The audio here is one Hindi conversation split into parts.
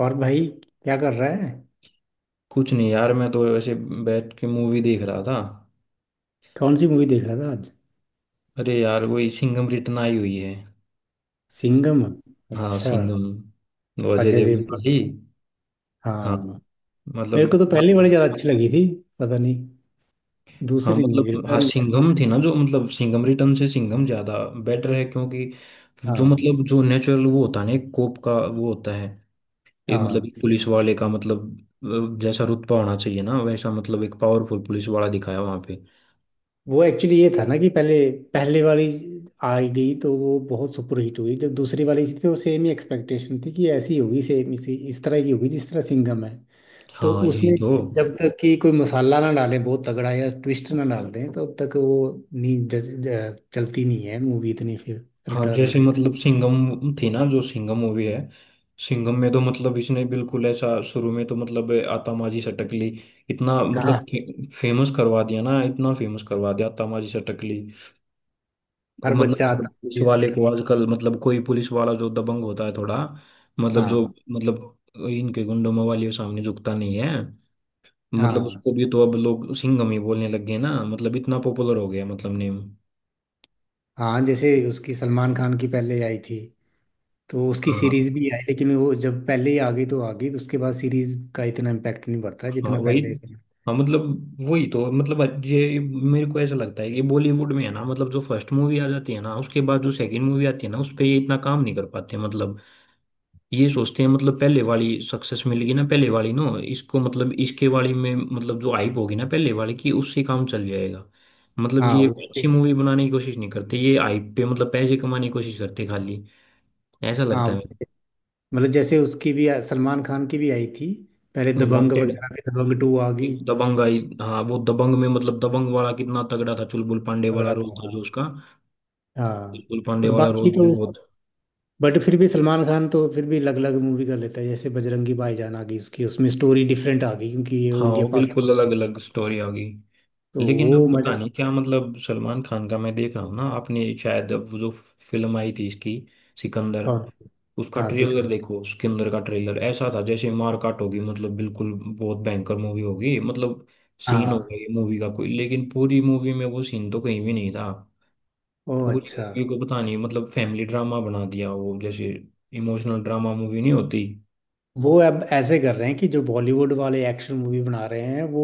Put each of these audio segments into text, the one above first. और भाई। क्या कर रहा है। कुछ नहीं यार, मैं तो ऐसे बैठ के मूवी देख रहा था। कौन सी मूवी देख रहा था आज। अरे यार, वही सिंघम रिटर्न आई हुई है। सिंघम। हाँ, अच्छा। सिंघम। वो अजय अजय देवगन देवगन। वाली। हाँ। हाँ। मेरे मतलब को तो पहली बड़ी ज्यादा अच्छी लगी थी। पता नहीं। हाँ दूसरी नहीं मतलब हाँ, रिटर्न। सिंघम थी ना जो, मतलब सिंघम रिटर्न से सिंघम ज्यादा बेटर है क्योंकि जो, हाँ, मतलब जो नेचुरल वो होता है ना, एक कोप का वो होता है। एक, मतलब हाँ, एक पुलिस वाले का मतलब जैसा रुतबा होना चाहिए ना वैसा, मतलब एक पावरफुल पुलिस वाला दिखाया वहां पे। वो एक्चुअली ये था ना कि पहले पहले वाली आ गई तो वो बहुत सुपरहिट हुई। जब दूसरी वाली थी तो सेम ही एक्सपेक्टेशन थी कि ऐसी होगी, सेम इसी इस तरह की होगी जिस तरह सिंघम है। तो हाँ, यही उसमें तो। जब तक कि कोई मसाला ना डालें बहुत तगड़ा या ट्विस्ट ना डाल दें तब तक वो नहीं ज, ज, चलती नहीं है मूवी इतनी फिर हाँ, रिटर्न। जैसे मतलब सिंघम थी ना जो, सिंघम मूवी है। सिंघम में तो मतलब इसने बिल्कुल ऐसा शुरू में तो मतलब आतामाजी सटकली इतना, हाँ। मतलब फेमस करवा दिया ना, इतना फेमस करवा दिया आतामाजी सटकली। और हर मतलब बच्चा हर आता पुलिस है इस वाले को return। आजकल, मतलब कोई पुलिस वाला जो दबंग होता है थोड़ा, मतलब जो हाँ। मतलब इनके गुंडों वाले के सामने झुकता नहीं है, मतलब हाँ। उसको भी तो अब लोग सिंघम ही बोलने लग गए ना, मतलब इतना पॉपुलर हो गया मतलब नेम। हाँ, जैसे उसकी सलमान खान की पहले आई थी। तो उसकी हाँ। सीरीज भी आई लेकिन वो जब पहले ही आ गई तो उसके बाद सीरीज का इतना इम्पैक्ट नहीं पड़ता हाँ, जितना वही। पहले का। हाँ, मतलब वही तो, मतलब ये मेरे को ऐसा लगता है कि बॉलीवुड में है ना, मतलब जो फर्स्ट मूवी आ जाती है ना, उसके बाद जो सेकंड मूवी आती है ना, उस पे ये इतना काम नहीं कर पाते मतलब। ये सोचते हैं मतलब पहले वाली सक्सेस मिलेगी ना, पहले वाली ना, इसको मतलब इसके वाली में मतलब जो हाइप होगी ना पहले वाली की, उससे काम चल जाएगा। मतलब हाँ ये उसके। अच्छी मूवी बनाने की कोशिश नहीं करते, ये हाइप पे मतलब पैसे कमाने की कोशिश करते खाली। ऐसा लगता हाँ, है। मतलब जैसे उसकी भी सलमान खान की भी आई थी। पहले दबंग वांटेड। वगैरह पे दबंग टू आ गई। एक दबंग आई। हाँ, वो दबंग में मतलब दबंग वाला कितना तगड़ा था, चुलबुल पांडे वाला तगड़ा रोल था जो था। उसका। हाँ। चुलबुल पांडे पर वाला रोल बाकी भी तो बहुत। बट फिर भी सलमान खान तो फिर भी अलग अलग मूवी कर लेता है। जैसे बजरंगी भाईजान आ गई उसकी, उसमें स्टोरी डिफरेंट आ गई क्योंकि ये वो हाँ, इंडिया वो बिल्कुल अलग पाकिस्तान। अलग स्टोरी आ गई। तो लेकिन वो अब पता मजे। नहीं क्या, मतलब सलमान खान का मैं देख रहा हूँ ना, आपने शायद अब वो जो फिल्म आई थी इसकी, सिकंदर। कौन सी। उसका हाँ जी ट्रेलर कौन। देखो, सिकंदर का ट्रेलर ऐसा था जैसे मारकाट होगी, मतलब बिल्कुल बहुत भयंकर मूवी होगी, मतलब सीन हाँ। होगा ये मूवी का कोई, लेकिन पूरी मूवी में वो सीन तो कहीं भी नहीं था। ओ पूरी अच्छा। मूवी को पता नहीं, मतलब फैमिली ड्रामा बना दिया, वो जैसे इमोशनल ड्रामा मूवी नहीं होती। वो अब ऐसे कर रहे हैं कि जो बॉलीवुड वाले एक्शन मूवी बना रहे हैं वो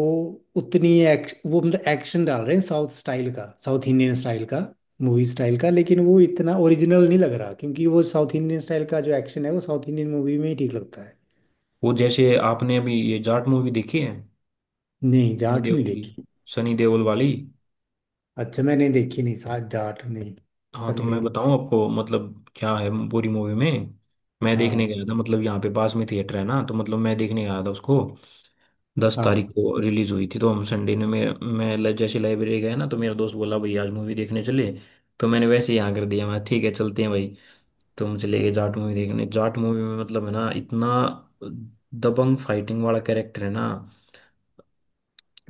उतनी वो मतलब एक्शन डाल रहे हैं साउथ स्टाइल का, साउथ इंडियन स्टाइल का, मूवी स्टाइल का। लेकिन वो इतना ओरिजिनल नहीं लग रहा क्योंकि वो साउथ इंडियन स्टाइल का जो एक्शन है वो साउथ इंडियन मूवी में ही ठीक लगता है। वो जैसे आपने अभी ये जाट मूवी देखी है नहीं, सनी जाट नहीं देओल की, देखी। सनी देओल वाली। अच्छा, मैंने देखी नहीं, साथ जाट नहीं। हाँ तो सनी मैं देओल। बताऊं आपको, मतलब क्या है पूरी मूवी में। मैं देखने हाँ गया था, मतलब यहाँ पे पास में थिएटर है ना, तो मतलब मैं देखने गया था उसको। 10 तारीख हाँ। को रिलीज हुई थी, तो हम संडे ने, मैं जैसे लाइब्रेरी गया ना, तो मेरा दोस्त बोला भाई आज मूवी देखने चले, तो मैंने वैसे ही हाँ कर दिया, मैं ठीक है चलते हैं भाई। तो मुझे ले गए जाट मूवी देखने, जाट मूवी में मतलब है ना इतना दबंग फाइटिंग वाला कैरेक्टर है ना।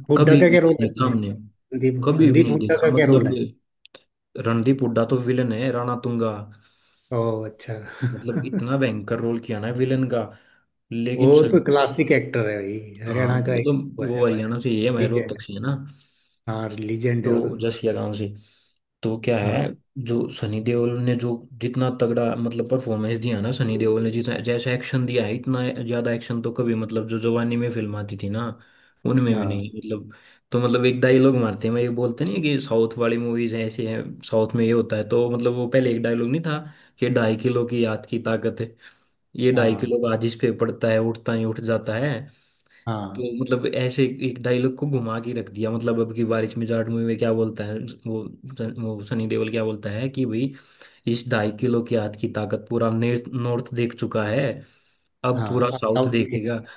हुड्डा कभी का भी क्या रोल नहीं है देखा इसमें। हमने। रणदीप कभी भी रणदीप नहीं हुड्डा देखा, का क्या रोल मतलब है। रणदीप हुड्डा तो विलन है, राणा तुंगा, ओ अच्छा। मतलब इतना भयंकर रोल किया ना विलन का। वो लेकिन तो क्लासिक एक्टर है भाई, हाँ हरियाणा का वो तो एक वो है। वो हरियाणा से ही है, मैं लीजेंड। रोहतक से है ना। हाँ, लीजेंड है वो तो। तो जस या गांव से। तो क्या है, हाँ। जो सनी देओल ने जो जितना तगड़ा, मतलब परफॉर्मेंस दिया ना सनी देओल ने, जितना जैसा एक्शन दिया है, इतना ज्यादा एक्शन तो कभी, मतलब जो जवानी में फिल्म आती थी ना, उनमें भी हाँ। नहीं मतलब। तो मतलब एक डायलॉग मारते हैं मैं, ये बोलते नहीं है कि साउथ वाली मूवीज ऐसे हैं, साउथ में ये होता है, तो मतलब वो पहले एक डायलॉग नहीं था कि ढाई किलो की याद की ताकत है, ये ढाई हाँ। किलो का जिस पे पड़ता है उठता ही उठ जाता है। तो हाँ। मतलब ऐसे एक डायलॉग को घुमा के रख दिया, मतलब अब की बारिश में जाट मूवी में क्या बोलता है वो वो सनी देओल क्या बोलता है कि भाई, इस ढाई किलो के हाथ की ताकत पूरा नॉर्थ देख चुका है, अब पूरा हाँ, अब साउथ साउथ देखेगा। इंडिया।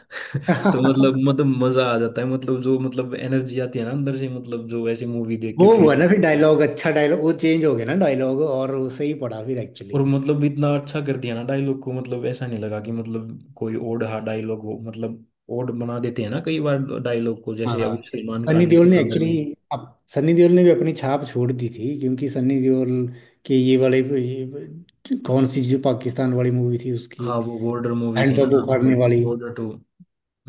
तो मतलब मजा आ जाता है, मतलब जो मतलब एनर्जी आती है ना अंदर से, मतलब जो ऐसी मूवी देख वो के फील। हुआ ना, फिर डायलॉग, अच्छा डायलॉग वो चेंज हो गया ना डायलॉग और वो सही पड़ा फिर और एक्चुअली। मतलब इतना अच्छा कर दिया ना डायलॉग को, मतलब ऐसा नहीं लगा कि मतलब कोई ओड हा डायलॉग हो, मतलब ओड बना देते हैं ना कई बार डायलॉग को, जैसे अभी हाँ। सलमान सनी खान की देओल ने सिकंदर में। एक्चुअली अब सनी देओल ने भी अपनी छाप छोड़ दी थी क्योंकि सनी देओल के ये वाले कौन सी जो पाकिस्तान वाली मूवी थी उसकी। हाँ, वो बॉर्डर मूवी थी ना। हैंडपंप उखाड़ने वाली। बॉर्डर टू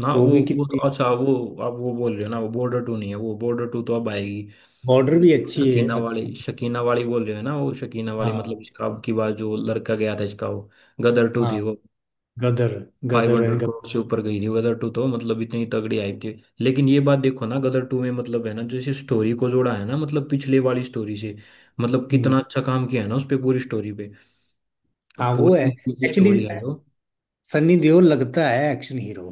ना, वो वो भी वो तो कितनी। अच्छा वो, आप वो बोल रहे हो ना, वो बॉर्डर टू नहीं है वो, बॉर्डर टू तो अब आएगी। बॉर्डर वो भी तो अच्छी है, शकीना अच्छी है। वाली, शकीना वाली बोल रहे हो ना, वो शकीना वाली, मतलब हाँ। इसका अब की बार जो लड़का गया था इसका, वो गदर टू थी हाँ। वो। Gadar. Five Gadar hundred and crore Gadar. से ऊपर गई थी गदर टू, तो मतलब इतनी तगड़ी आई थी। लेकिन ये बात देखो ना, गदर टू में मतलब है ना जैसे स्टोरी को जोड़ा है ना मतलब पिछले वाली स्टोरी से, मतलब हम्म, कितना अच्छा काम किया है ना उस पे पूरी स्टोरी पे, हाँ वो है पूरी एक्चुअली। स्टोरी है जो। सनी देओल लगता है एक्शन हीरो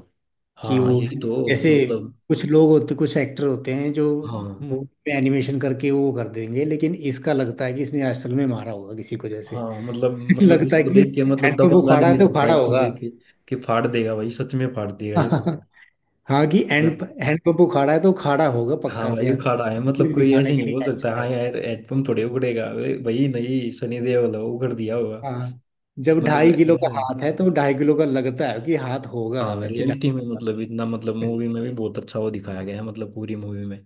कि हाँ, वो, यही तो। जैसे मतलब कुछ लोग होते कुछ एक्टर होते हैं जो हाँ, मूवी में एनिमेशन करके वो कर देंगे लेकिन इसका लगता है कि इसने असल में मारा होगा किसी को जैसे। हाँ, मतलब मतलब लगता है इसको कि देख के, मतलब हैंडपंप दबंग उखाड़ा आदमी है तो लगता है उखाड़ा इसको होगा। देख के, कि फाड़ देगा भाई, सच में फाड़ देगा ये तो, हाँ, कि मतलब हैंडपंप उखाड़ा है तो उखाड़ा होगा हाँ पक्का भाई से ऐसा। उखाड़ा है। मतलब सिर्फ कोई दिखाने ऐसे के नहीं लिए बोल एक्शन सकता है। हाँ यार हेडपम्प थोड़े उगड़ेगा, अरे भाई नहीं, सनी देओल है, उगड़ दिया होगा, हाँ। जब मतलब 2.5 किलो का ऐसा। हाथ है तो 2.5 किलो का लगता है कि हाथ होगा हाँ वैसे ढाई रियलिटी में किलो का। मतलब इतना, मतलब मूवी में भी बहुत अच्छा वो दिखाया गया है, मतलब पूरी मूवी में,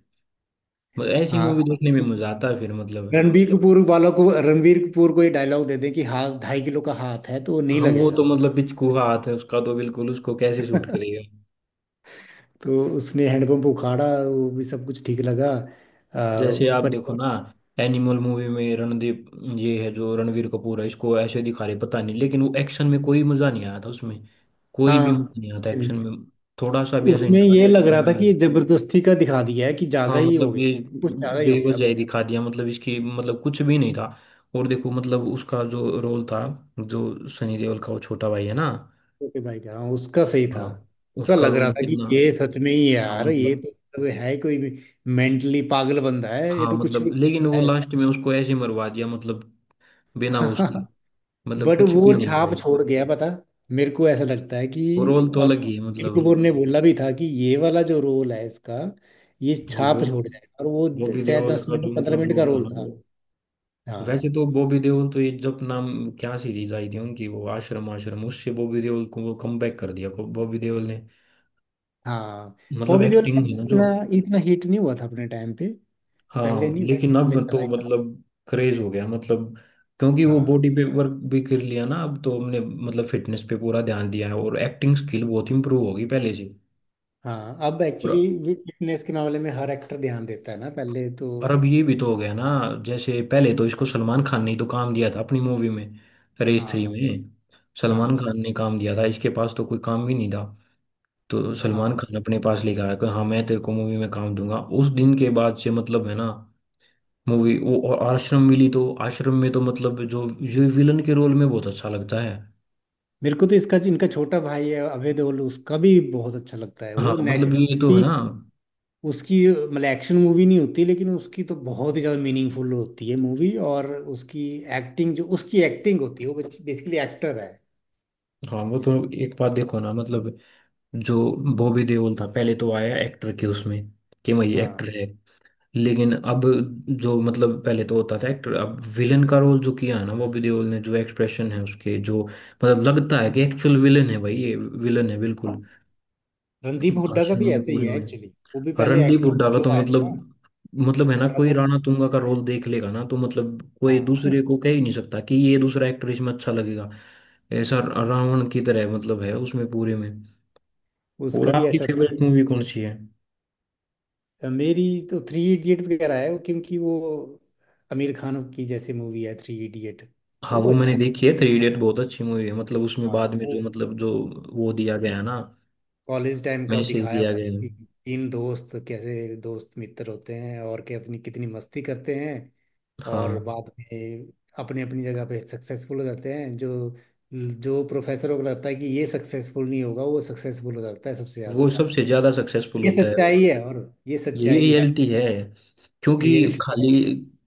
मतलब ऐसी हाँ, मूवी देखने में मजा आता है फिर मतलब। रणबीर कपूर वालों को, रणबीर कपूर को ये डायलॉग दे दें कि हाथ 2.5 किलो का हाथ है तो वो नहीं हम वो तो लगेगा। मतलब पिचकू हाथ है उसका तो बिल्कुल, उसको कैसे शूट करेगा। तो उसने हैंडपंप उखाड़ा, वो भी सब कुछ ठीक लगा जैसे आप पर। देखो ना एनिमल मूवी में, रणदीप, ये है जो रणवीर कपूर है, इसको ऐसे दिखा रहे पता नहीं, लेकिन वो एक्शन में कोई मजा नहीं आया था उसमें, कोई भी हाँ। मजा नहीं आता उसमें एक्शन नहीं। में, थोड़ा सा भी ऐसा नहीं उसमें लगा कि ये लग रहा मजा था आ रहा कि ये है। जबरदस्ती का दिखा दिया है कि ज्यादा हाँ, ही हो मतलब गया, ये कुछ ज्यादा ही हो गया बेवजह ही अब। दिखा दिया, मतलब इसकी, मतलब कुछ भी नहीं था। और देखो, मतलब उसका जो रोल था, जो सनी देओल का वो छोटा भाई है ना। ओके, भाई का हाँ, उसका सही था, हाँ, उसका उसका लग रोल रहा था कि कितना, ये सच में ही हाँ यार ये मतलब, तो मतलब है कोई मेंटली पागल बंदा है ये हाँ तो कुछ मतलब भी लेकिन वो है। लास्ट में उसको ऐसे मरवा दिया, मतलब बिना उसके, मतलब बट कुछ वो भी नहीं छाप भाई। छोड़ गया पता। मेरे को ऐसा लगता है कि वो रोल तो और अलग ही है, कपिल मतलब कपूर ने बोला भी था कि ये वाला जो रोल है इसका, ये वो छाप छोड़ जाएगा और वो बॉबी चाहे देओल दस का जो मिनट पंद्रह मतलब मिनट का रोल था रोल ना था। वो। वैसे हाँ। तो बॉबी देओल तो ये जब नाम, क्या सीरीज आई थी उनकी वो, आश्रम, आश्रम उससे बॉबी देओल को वो कमबैक कर दिया, बॉबी देओल ने हाँ। मतलब बॉबी देओल का एक्टिंग है ना जो। इतना इतना हिट नहीं हुआ था अपने टाइम पे। पहले हाँ नहीं हुआ, लेकिन पहले अब चला। तो मतलब क्रेज हो गया, मतलब क्योंकि वो हाँ। बॉडी पे वर्क भी कर लिया ना, अब तो हमने मतलब फिटनेस पे पूरा ध्यान दिया है, और एक्टिंग स्किल बहुत इंप्रूव होगी पहले हाँ, अब से। एक्चुअली फिटनेस के मामले में हर एक्टर ध्यान देता है ना पहले तो। और अब ये भी तो हो गया ना, जैसे पहले तो इसको सलमान खान ने ही तो काम दिया था अपनी मूवी में, रेस 3 हाँ। में। सलमान हाँ। खान ने काम दिया था, इसके पास तो कोई काम भी नहीं था, तो हाँ। सलमान खान अपने पास लेकर आया कि हाँ मैं तेरे को मूवी में काम दूंगा। उस दिन के बाद से मतलब है ना मूवी वो और आश्रम मिली, तो आश्रम में तो मतलब जो, जो विलन के रोल में बहुत अच्छा लगता है। मेरे को तो इसका इनका छोटा भाई है अभय देओल, उसका भी बहुत अच्छा लगता है हाँ, वो मतलब ये तो है नेचुरल। ना। उसकी मतलब एक्शन मूवी नहीं होती लेकिन उसकी तो बहुत ही ज़्यादा मीनिंगफुल होती है मूवी। और उसकी एक्टिंग, जो उसकी एक्टिंग होती है वो बेसिकली एक्टर है हाँ वो तो। जिसको। एक बात देखो ना, मतलब जो बॉबी देओल था, पहले तो आया एक्टर के उसमें कि भाई हाँ, एक्टर है, लेकिन अब जो, मतलब पहले तो होता था एक्टर, अब विलन का रोल जो किया है ना बॉबी देओल ने, जो एक्सप्रेशन है उसके, जो मतलब लगता है कि एक्चुअल विलन है भाई, ये विलन है बिल्कुल, रणदीप हुड्डा का भी आश्रम में ऐसे ही पूरे है में। एक्चुअली। वो भी और पहले रणदीप हुड्डा का तो हीरो आया था मतलब, मतलब है ना, और अब कोई वो। राणा तुंगा का रोल देख लेगा ना, तो मतलब कोई हाँ। दूसरे को कह ही नहीं सकता कि ये दूसरा एक्टर इसमें अच्छा लगेगा। ऐसा रावण की तरह मतलब है उसमें पूरे में। और उसका भी आपकी ऐसा था। फेवरेट मूवी कौन सी है? मेरी तो थ्री इडियट वगैरह है क्योंकि वो आमिर खान की जैसे मूवी है थ्री इडियट। हाँ वो वो मैंने अच्छी थी। देखी है, 3 इडियट बहुत अच्छी मूवी है, मतलब उसमें हाँ। बाद में जो, वो मतलब जो वो दिया गया है ना, कॉलेज टाइम का मैसेज दिखाया दिया हुआ गया है है। कि तीन दोस्त कैसे दोस्त मित्र होते हैं और क्या अपनी कितनी मस्ती करते हैं। और हाँ, बाद में अपनी अपनी जगह पे सक्सेसफुल हो जाते हैं। जो जो प्रोफेसरों को लगता है कि ये सक्सेसफुल नहीं होगा वो सक्सेसफुल हो जाता है सबसे वो ज्यादा। सबसे ज्यादा सक्सेसफुल ये होता है, सच्चाई और है। और ये यही सच्चाई है। रियलिटी है क्योंकि रियलिटी है। खाली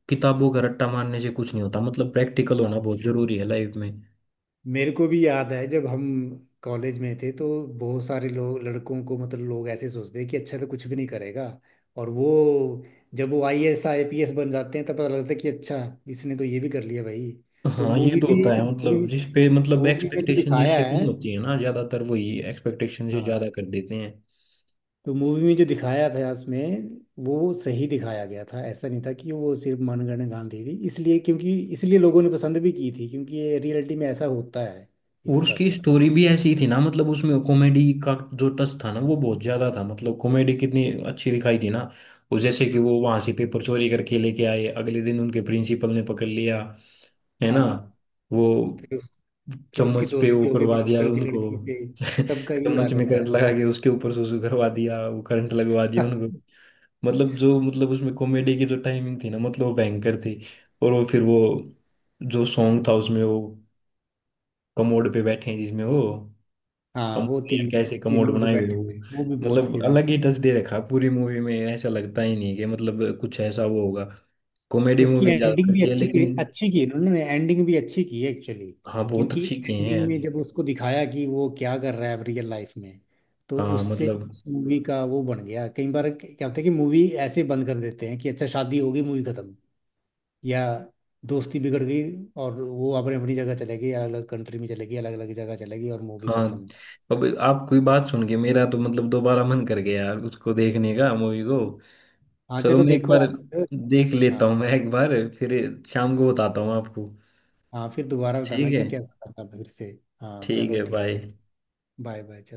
किताबों का रट्टा मारने से कुछ नहीं होता, मतलब प्रैक्टिकल होना हाँ। बहुत जरूरी है लाइफ में। मेरे को भी याद है जब हम कॉलेज में थे तो बहुत सारे लोग लड़कों को मतलब लोग ऐसे सोचते हैं कि अच्छा तो कुछ भी नहीं करेगा। और वो जब वो आईएएस आईपीएस बन जाते हैं तब पता लगता है कि अच्छा, इसने तो ये भी कर लिया भाई। तो हाँ ये मूवी तो भी होता है, मतलब मूवी, जिस पे मतलब मूवी में जो एक्सपेक्टेशन दिखाया जिससे कम है। होती है ना, ज्यादातर वही एक्सपेक्टेशन से हाँ। ज्यादा कर देते हैं। तो मूवी में जो दिखाया था उसमें वो सही दिखाया गया था। ऐसा नहीं था कि वो सिर्फ मनगढ़ंत गांधी थी इसलिए क्योंकि इसलिए लोगों ने पसंद भी की थी क्योंकि ये रियलिटी में ऐसा होता है इस और तरह उसकी से। स्टोरी भी ऐसी थी ना, मतलब उसमें कॉमेडी का जो टच था ना वो बहुत ज्यादा था, मतलब कॉमेडी कितनी अच्छी दिखाई थी ना। और जैसे कि वो वहां से पेपर चोरी करके लेके आए अगले दिन उनके प्रिंसिपल ने पकड़ लिया है ना। हाँ, वो फिर फिर उसकी चम्मच पे वो दोस्ती होगी करवा दिया प्रिंसिपल की उनको लड़की से। सबका ये चम्मच याद में होता करंट है। लगा के उसके ऊपर सुसु करवा दिया, वो करंट लगवा दिया उनको। मतलब जो, मतलब उसमें कॉमेडी की जो टाइमिंग थी ना, मतलब वो भयंकर थी। और वो फिर वो जो सॉन्ग था उसमें, वो कमोड पे बैठे हैं जिसमें वो हाँ, कम, वो या तीन कैसे कमोड तीनों जो बनाए हुए बैठे हो। हैं वो भी बहुत मतलब अलग फेमस ही हुआ टच है। दे रखा है पूरी मूवी में, ऐसा लगता ही नहीं कि मतलब कुछ ऐसा वो होगा, कॉमेडी उसकी मूवी ज्यादा एंडिंग भी करती है अच्छी की लेकिन। अच्छी की है, उन्होंने एंडिंग भी अच्छी की है एक्चुअली। हाँ बहुत क्योंकि अच्छी किए हैं। एंडिंग में जब उसको दिखाया कि वो क्या कर रहा है रियल लाइफ में, तो हाँ उससे मतलब, उस मूवी का वो बन गया। कई बार क्या होता है कि मूवी ऐसे बंद कर देते हैं कि अच्छा शादी हो गई मूवी खत्म, या दोस्ती बिगड़ गई और वो अपने अपनी जगह चले गई, अलग अलग कंट्री में चले गई, अलग अलग जगह चले गई और मूवी हाँ खत्म। अब आप कोई बात सुन के, मेरा तो मतलब दोबारा मन कर गया यार उसको देखने का, मूवी को। हाँ चलो चलो मैं एक देखो बार आप फिर। देख हाँ। लेता हूँ, मैं एक बार फिर शाम को बताता हूँ आपको। हाँ, फिर दोबारा बताना ठीक है। कि कैसा लगा फिर से। हाँ ठीक चलो है, ठीक बाय। है। Bye bye.